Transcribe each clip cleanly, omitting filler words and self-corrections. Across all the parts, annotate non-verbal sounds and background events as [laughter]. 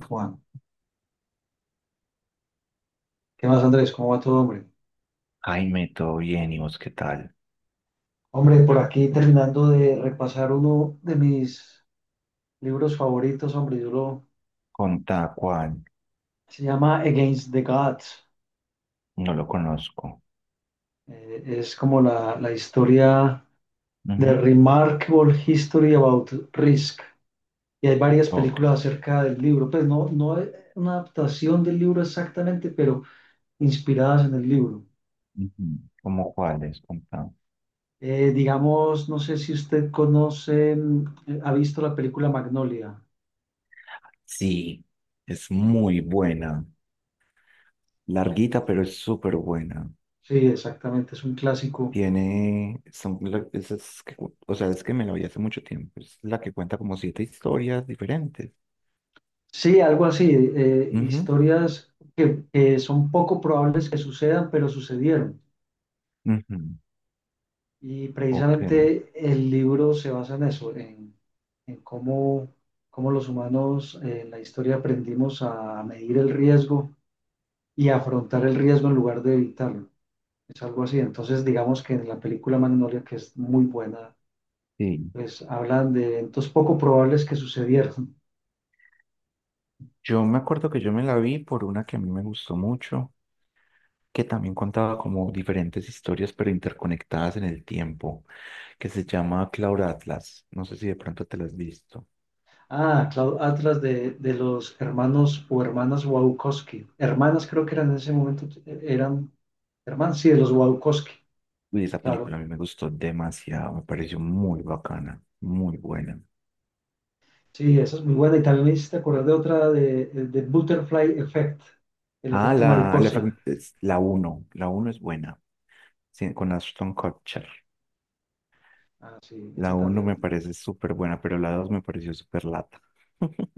Juan, ¿qué más, Andrés? ¿Cómo va todo, hombre? Jaime, todo bien, ¿y vos qué tal? Hombre, por aquí terminando de repasar uno de mis libros favoritos, hombre, Contá cuál, se llama Against the Gods. no lo conozco. Es como la historia de Ujú. Remarkable History About Risk. Y hay varias Ok. películas acerca del libro, pues no es una adaptación del libro exactamente, pero inspiradas en el libro. Ujú. ¿Cómo cuáles es? Contá. Digamos, no sé si usted conoce, ha visto la película Magnolia. Sí, es muy buena. Larguita, pero es súper buena. Sí, exactamente, es un clásico. Tiene, son, esas que o sea, es que me la vi hace mucho tiempo. Es la que cuenta como siete historias diferentes. Sí, algo así, Ujú, historias que son poco probables que sucedan, pero sucedieron. ujú. Y Ok, precisamente el libro se basa en eso, en cómo, cómo los humanos en la historia aprendimos a medir el riesgo y a afrontar el riesgo en lugar de evitarlo. Es algo así. Entonces, digamos que en la película Magnolia, que es muy buena, sí. pues hablan de eventos poco probables que sucedieron. Yo me acuerdo que yo me la vi por una que a mí me gustó mucho, que también contaba como diferentes historias, pero interconectadas en el tiempo, que se llama Cloud Atlas. No sé si de pronto te la has visto. Ah, Cloud Atlas de los hermanos o hermanas Wachowski. Hermanas creo que eran en ese momento, eran hermanas, sí, de los Wachowski, Y esa claro. película a mí me gustó demasiado, me pareció muy bacana, muy buena. Sí, esa es muy buena. Y también me hiciste acordar de otra de Butterfly Effect, el Ah, efecto mariposa. es la uno, la 1 es buena, sí, con Ashton Kutcher. Ah, sí, La esa uno me también. parece súper buena, pero la 2 me pareció súper lata. [laughs]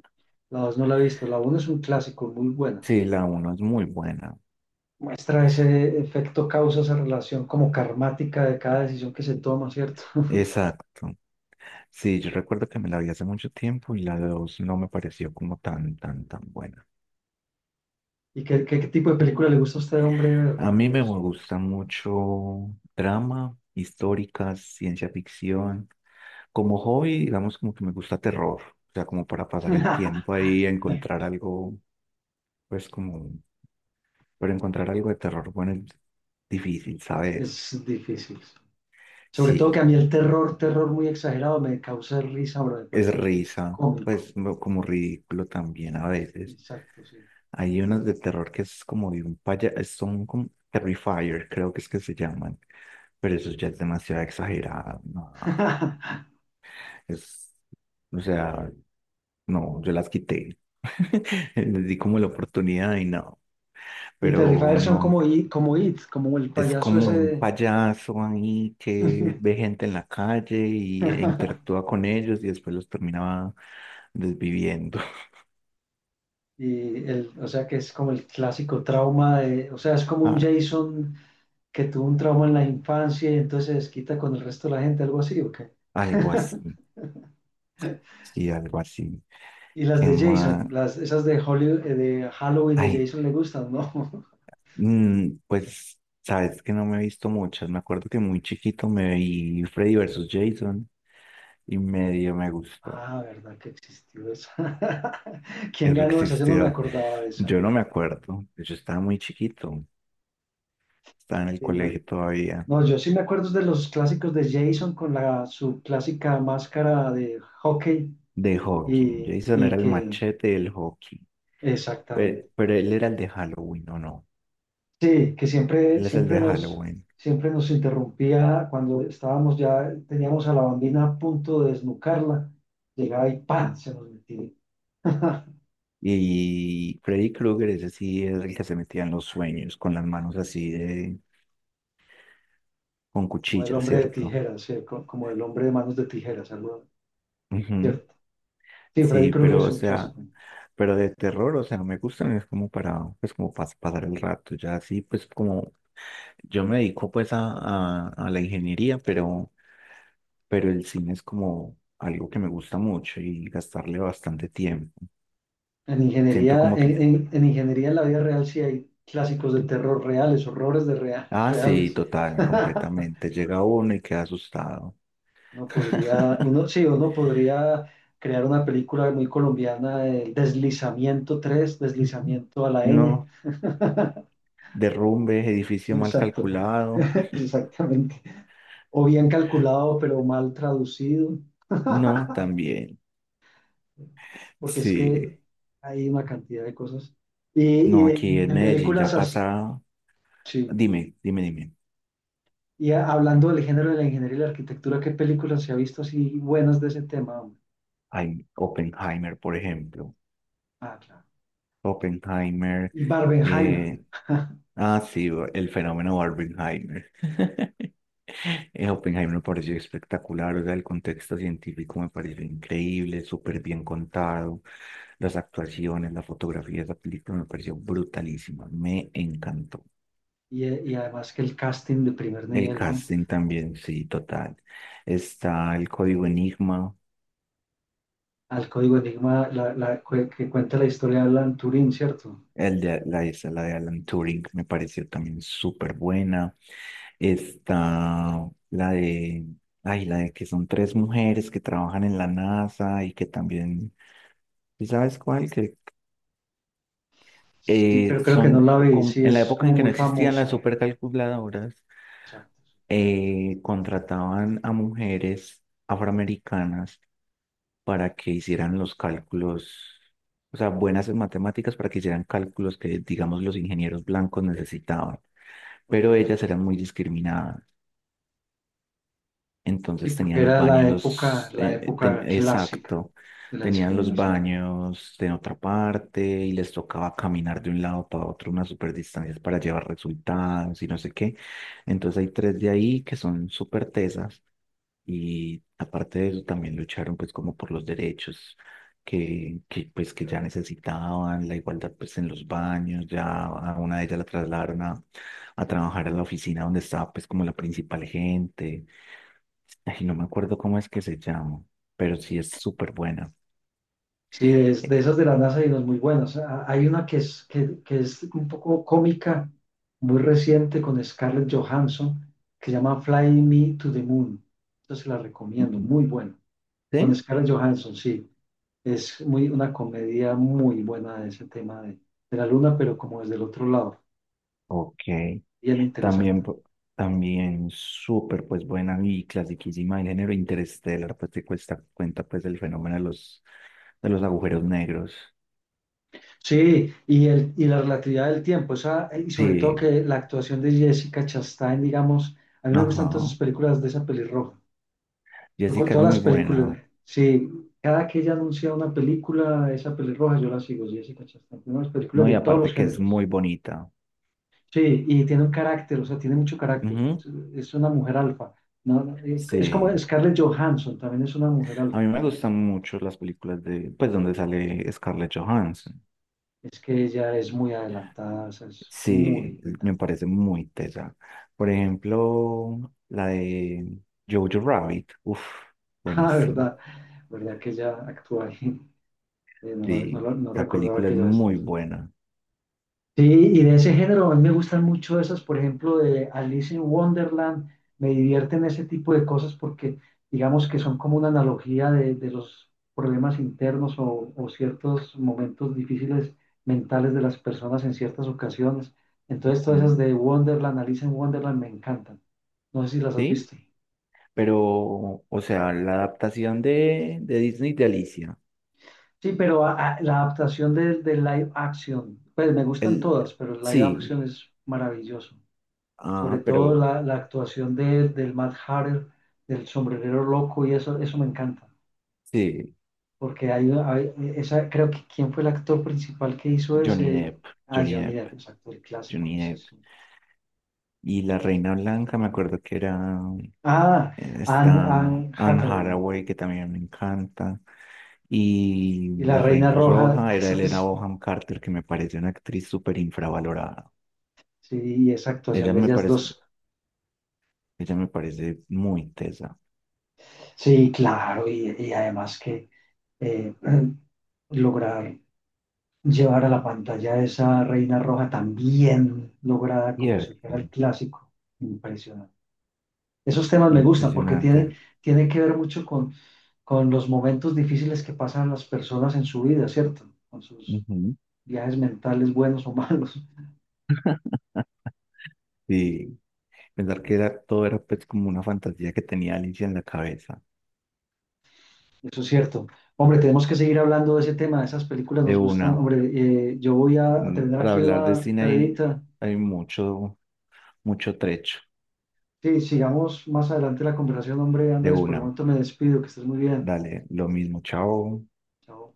La dos no la he visto. La uno es un clásico, muy buena. Sí, la uno es muy buena. Muestra ese efecto causa, esa relación como karmática de cada decisión que se toma, ¿cierto? [laughs] Exacto. Sí, yo recuerdo que me la vi hace mucho tiempo y la dos no me pareció como tan, tan buena. ¿Y qué tipo de película le gusta a usted, hombre, A Hernando? mí ¿Y me eso? gusta mucho drama, históricas, ciencia ficción. Como hobby, digamos, como que me gusta terror, o sea, como para pasar el [laughs] tiempo ahí, encontrar algo, pues como, pero encontrar algo de terror, bueno, es difícil, ¿sabes? es difícil. Sobre todo que a Sí, mí el terror, terror muy exagerado me causa risa, pero me es parece que es risa, cómico. pues como ridículo también a veces. Exacto, sí. Hay unas de terror que es como de un son como Terrifier, creo que es que se llaman, pero eso ya es demasiado exagerado, no, [laughs] es, o sea, no, yo las quité, [laughs] les di como la oportunidad y no, Y pero Terrifier son no, como It, como It, como el es payaso como ese. un De- payaso ahí que ve gente en la calle y, e [laughs] interactúa con ellos y después los terminaba desviviendo. [laughs] Y el, o sea que es como el clásico trauma de, o sea, es como un Ah, Jason que tuvo un trauma en la infancia y entonces se desquita con el resto de la gente, algo así, ¿o qué? algo [laughs] así, sí, algo así. Y las Que de Jason, más? las, esas de Hollywood, de Halloween de Ay. Jason le gustan, ¿no? Pues, sabes que no me he visto muchas. Me acuerdo que muy chiquito me vi Freddy versus Jason y medio me gustó. Ah, ¿verdad que existió esa? [laughs] ¿Quién Eso ganó esa? Yo no me existió. acordaba de esa. Yo no me acuerdo. Yo estaba muy chiquito. Estaba en el Sí. No, colegio todavía. no, yo sí me acuerdo de los clásicos de Jason con la, su clásica máscara de hockey De hockey. y, Jason era y el que, machete del hockey. exactamente. Pero él era el de Halloween, ¿o no? Sí, que Él es el de Halloween. siempre nos interrumpía cuando estábamos ya, teníamos a la bambina a punto de desnucarla, llegaba y ¡pam! Se nos metía. [laughs] Y Freddy Krueger, ese sí es el que se metía en los sueños con las manos así de, con Como el cuchillas, hombre de ¿cierto? tijeras, sí, co- como el hombre de manos de tijeras, algo, Ujú. ¿cierto? Sí, Freddy Sí, Krueger pero es o un sea, clásico. pero de terror, o sea, no me gustan, es como para, pues como para pasar el rato, ya así, pues como yo me dedico pues a, a la ingeniería, pero el cine es como algo que me gusta mucho y gastarle bastante tiempo. En Siento ingeniería, como que, en ingeniería en la vida real sí hay clásicos de terror reales, horrores de rea- [laughs] ah, sí, reales. total, [laughs] completamente, llega uno y queda asustado. Uno podría, [laughs] uno, sí, uno podría crear una película muy colombiana el Deslizamiento 3 Deslizamiento a la N. No, derrumbe, edificio mal Exacto, calculado. [laughs] [laughs] exactamente. O bien calculado, pero mal traducido, No, también, porque es sí. que hay una cantidad de cosas. Y, No, aquí en de Medellín ya películas así, pasa. sí. Dime, dime, dime. Y a- hablando del género de la ingeniería y la arquitectura, ¿qué películas se ha visto así buenas de ese tema, hombre? Hay Oppenheimer, por ejemplo. Ah, claro. Oppenheimer. Y Barbenheimer. eh, sí, el fenómeno Barbenheimer. [laughs] Oppenheimer me pareció espectacular, o sea, el contexto científico me pareció increíble, súper bien contado, las actuaciones, la fotografía de esa película me pareció brutalísima, me encantó. Y además que el casting de primer El nivel, ¿no? casting también, sí, total. Está el código Enigma. Al Código Enigma, que cuenta la historia de Alan Turing, ¿cierto? El de, la, esa, la de Alan Turing me pareció también súper buena. Está la de, ay, la de que son tres mujeres que trabajan en la NASA y que también, ¿sí sabes cuál? Que Sí, pero creo que no son, la vi. Sí, en la es época como en que no muy existían las famosa. supercalculadoras, Exacto. Contrataban a mujeres afroamericanas para que hicieran los cálculos, o sea, buenas en matemáticas para que hicieran cálculos que, digamos, los ingenieros blancos necesitaban. Ok. Pero ellas eran muy discriminadas. Sí, Entonces porque tenían los era baños, la época clásica exacto, de la tenían los discriminación. baños en otra parte y les tocaba caminar de un lado para otro unas super distancias para llevar resultados y no sé qué. Entonces hay tres de ahí que son súper tesas y aparte de eso también lucharon pues como por los derechos que pues que ya necesitaban, la igualdad pues en los baños, ya a una de ellas la trasladaron a trabajar a la oficina donde estaba pues como la principal gente. Ay, no me acuerdo cómo es que se llama, pero sí es súper buena. Sí, de, es- Eh, de esas de la NASA hay unas muy buenas. Ah, hay una que es, que es un poco cómica, muy reciente con Scarlett Johansson, que se llama Fly Me to the Moon. Entonces la recomiendo, muy buena. Con ¿Sí? Scarlett Johansson, sí. Es muy, una comedia muy buena de ese tema de la luna, pero como desde el otro lado. Ok. Bien interesante. También, también súper pues buena y clasiquísima el género interestelar, pues te cuesta, cuenta pues del fenómeno de los agujeros negros. Sí, y la relatividad del tiempo, esa, y sobre todo Sí, que la actuación de Jessica Chastain, digamos, a mí me gustan todas ajá. esas películas de esa pelirroja. Yo con Jessica es todas muy las películas, buena, sí, cada que ella anuncia una película, esa pelirroja, yo la sigo, Jessica Chastain. Tiene unas películas ¿no? Y de todos los aparte que es géneros. muy bonita. Sí, y tiene un carácter, o sea, tiene mucho carácter. Ujú. Es una mujer alfa. No, no, es como Sí. Scarlett Johansson, también es una mujer A alfa. mí me gustan mucho las películas de, pues donde sale Scarlett Johansson. Es que ella es muy adelantada, o sea, es muy Sí, me vital. [laughs] parece muy tesa. Por ejemplo, la de Jojo Rabbit, uff, Ah, buenísima. verdad, verdad que ella actúa ahí. No, Sí, no esa recordaba película que es ella muy estaba. buena. Sí, y de ese género, a mí me gustan mucho esas, por ejemplo, de Alice in Wonderland, me divierten ese tipo de cosas porque digamos que son como una analogía de los problemas internos o ciertos momentos difíciles mentales de las personas en ciertas ocasiones. Entonces, todas esas Ujú. de Wonderland, Alice in Wonderland, me encantan. No sé si las has ¿Sí? visto. Pero, o sea, la adaptación de Disney de Alicia. Sí, pero la adaptación de live action, pues me gustan El, todas, pero el live sí, action es maravilloso. Sobre ah, todo pero la actuación del Mad Hatter, del sombrerero loco, y eso me encanta, sí, porque esa, creo que quién fue el actor principal que hizo Johnny ese, Depp, ah, Johnny Johnny Depp, Depp, es actor clásico, Johnny ese Depp. es- eso. Y la Reina Blanca, me acuerdo que era Ah, esta Anne Anne Hathaway, Hathaway, que también me encanta. y Y la la Reina Reina Roja, Roja [laughs] era eso Elena es, Bonham Carter, que me parece una actriz súper infravalorada. sí, y esa actuación Ella de me ellas parece, dos, ella me parece muy tesa. sí, claro, y además que eh, [clears throat] lograr llevar a la pantalla esa reina roja tan bien lograda como si fuera el Cierto, clásico. Impresionante. Esos temas me gustan porque impresionante. tiene, tiene que ver mucho con los momentos difíciles que pasan las personas en su vida, ¿cierto? Con sus Ujú. viajes mentales buenos o malos. Sí, pensar que era, todo era pues como una fantasía que tenía Alicia en la cabeza. Eso es cierto. Hombre, tenemos que seguir hablando de ese tema, de esas películas De nos gustan. una. Hombre, yo voy a terminar Para aquí hablar de una cine hay, tareita. hay mucho, mucho trecho. Sí, sigamos más adelante la conversación, hombre, De Andrés. Por el una, momento me despido, que estés muy bien. dale, lo mismo, chao. Chao.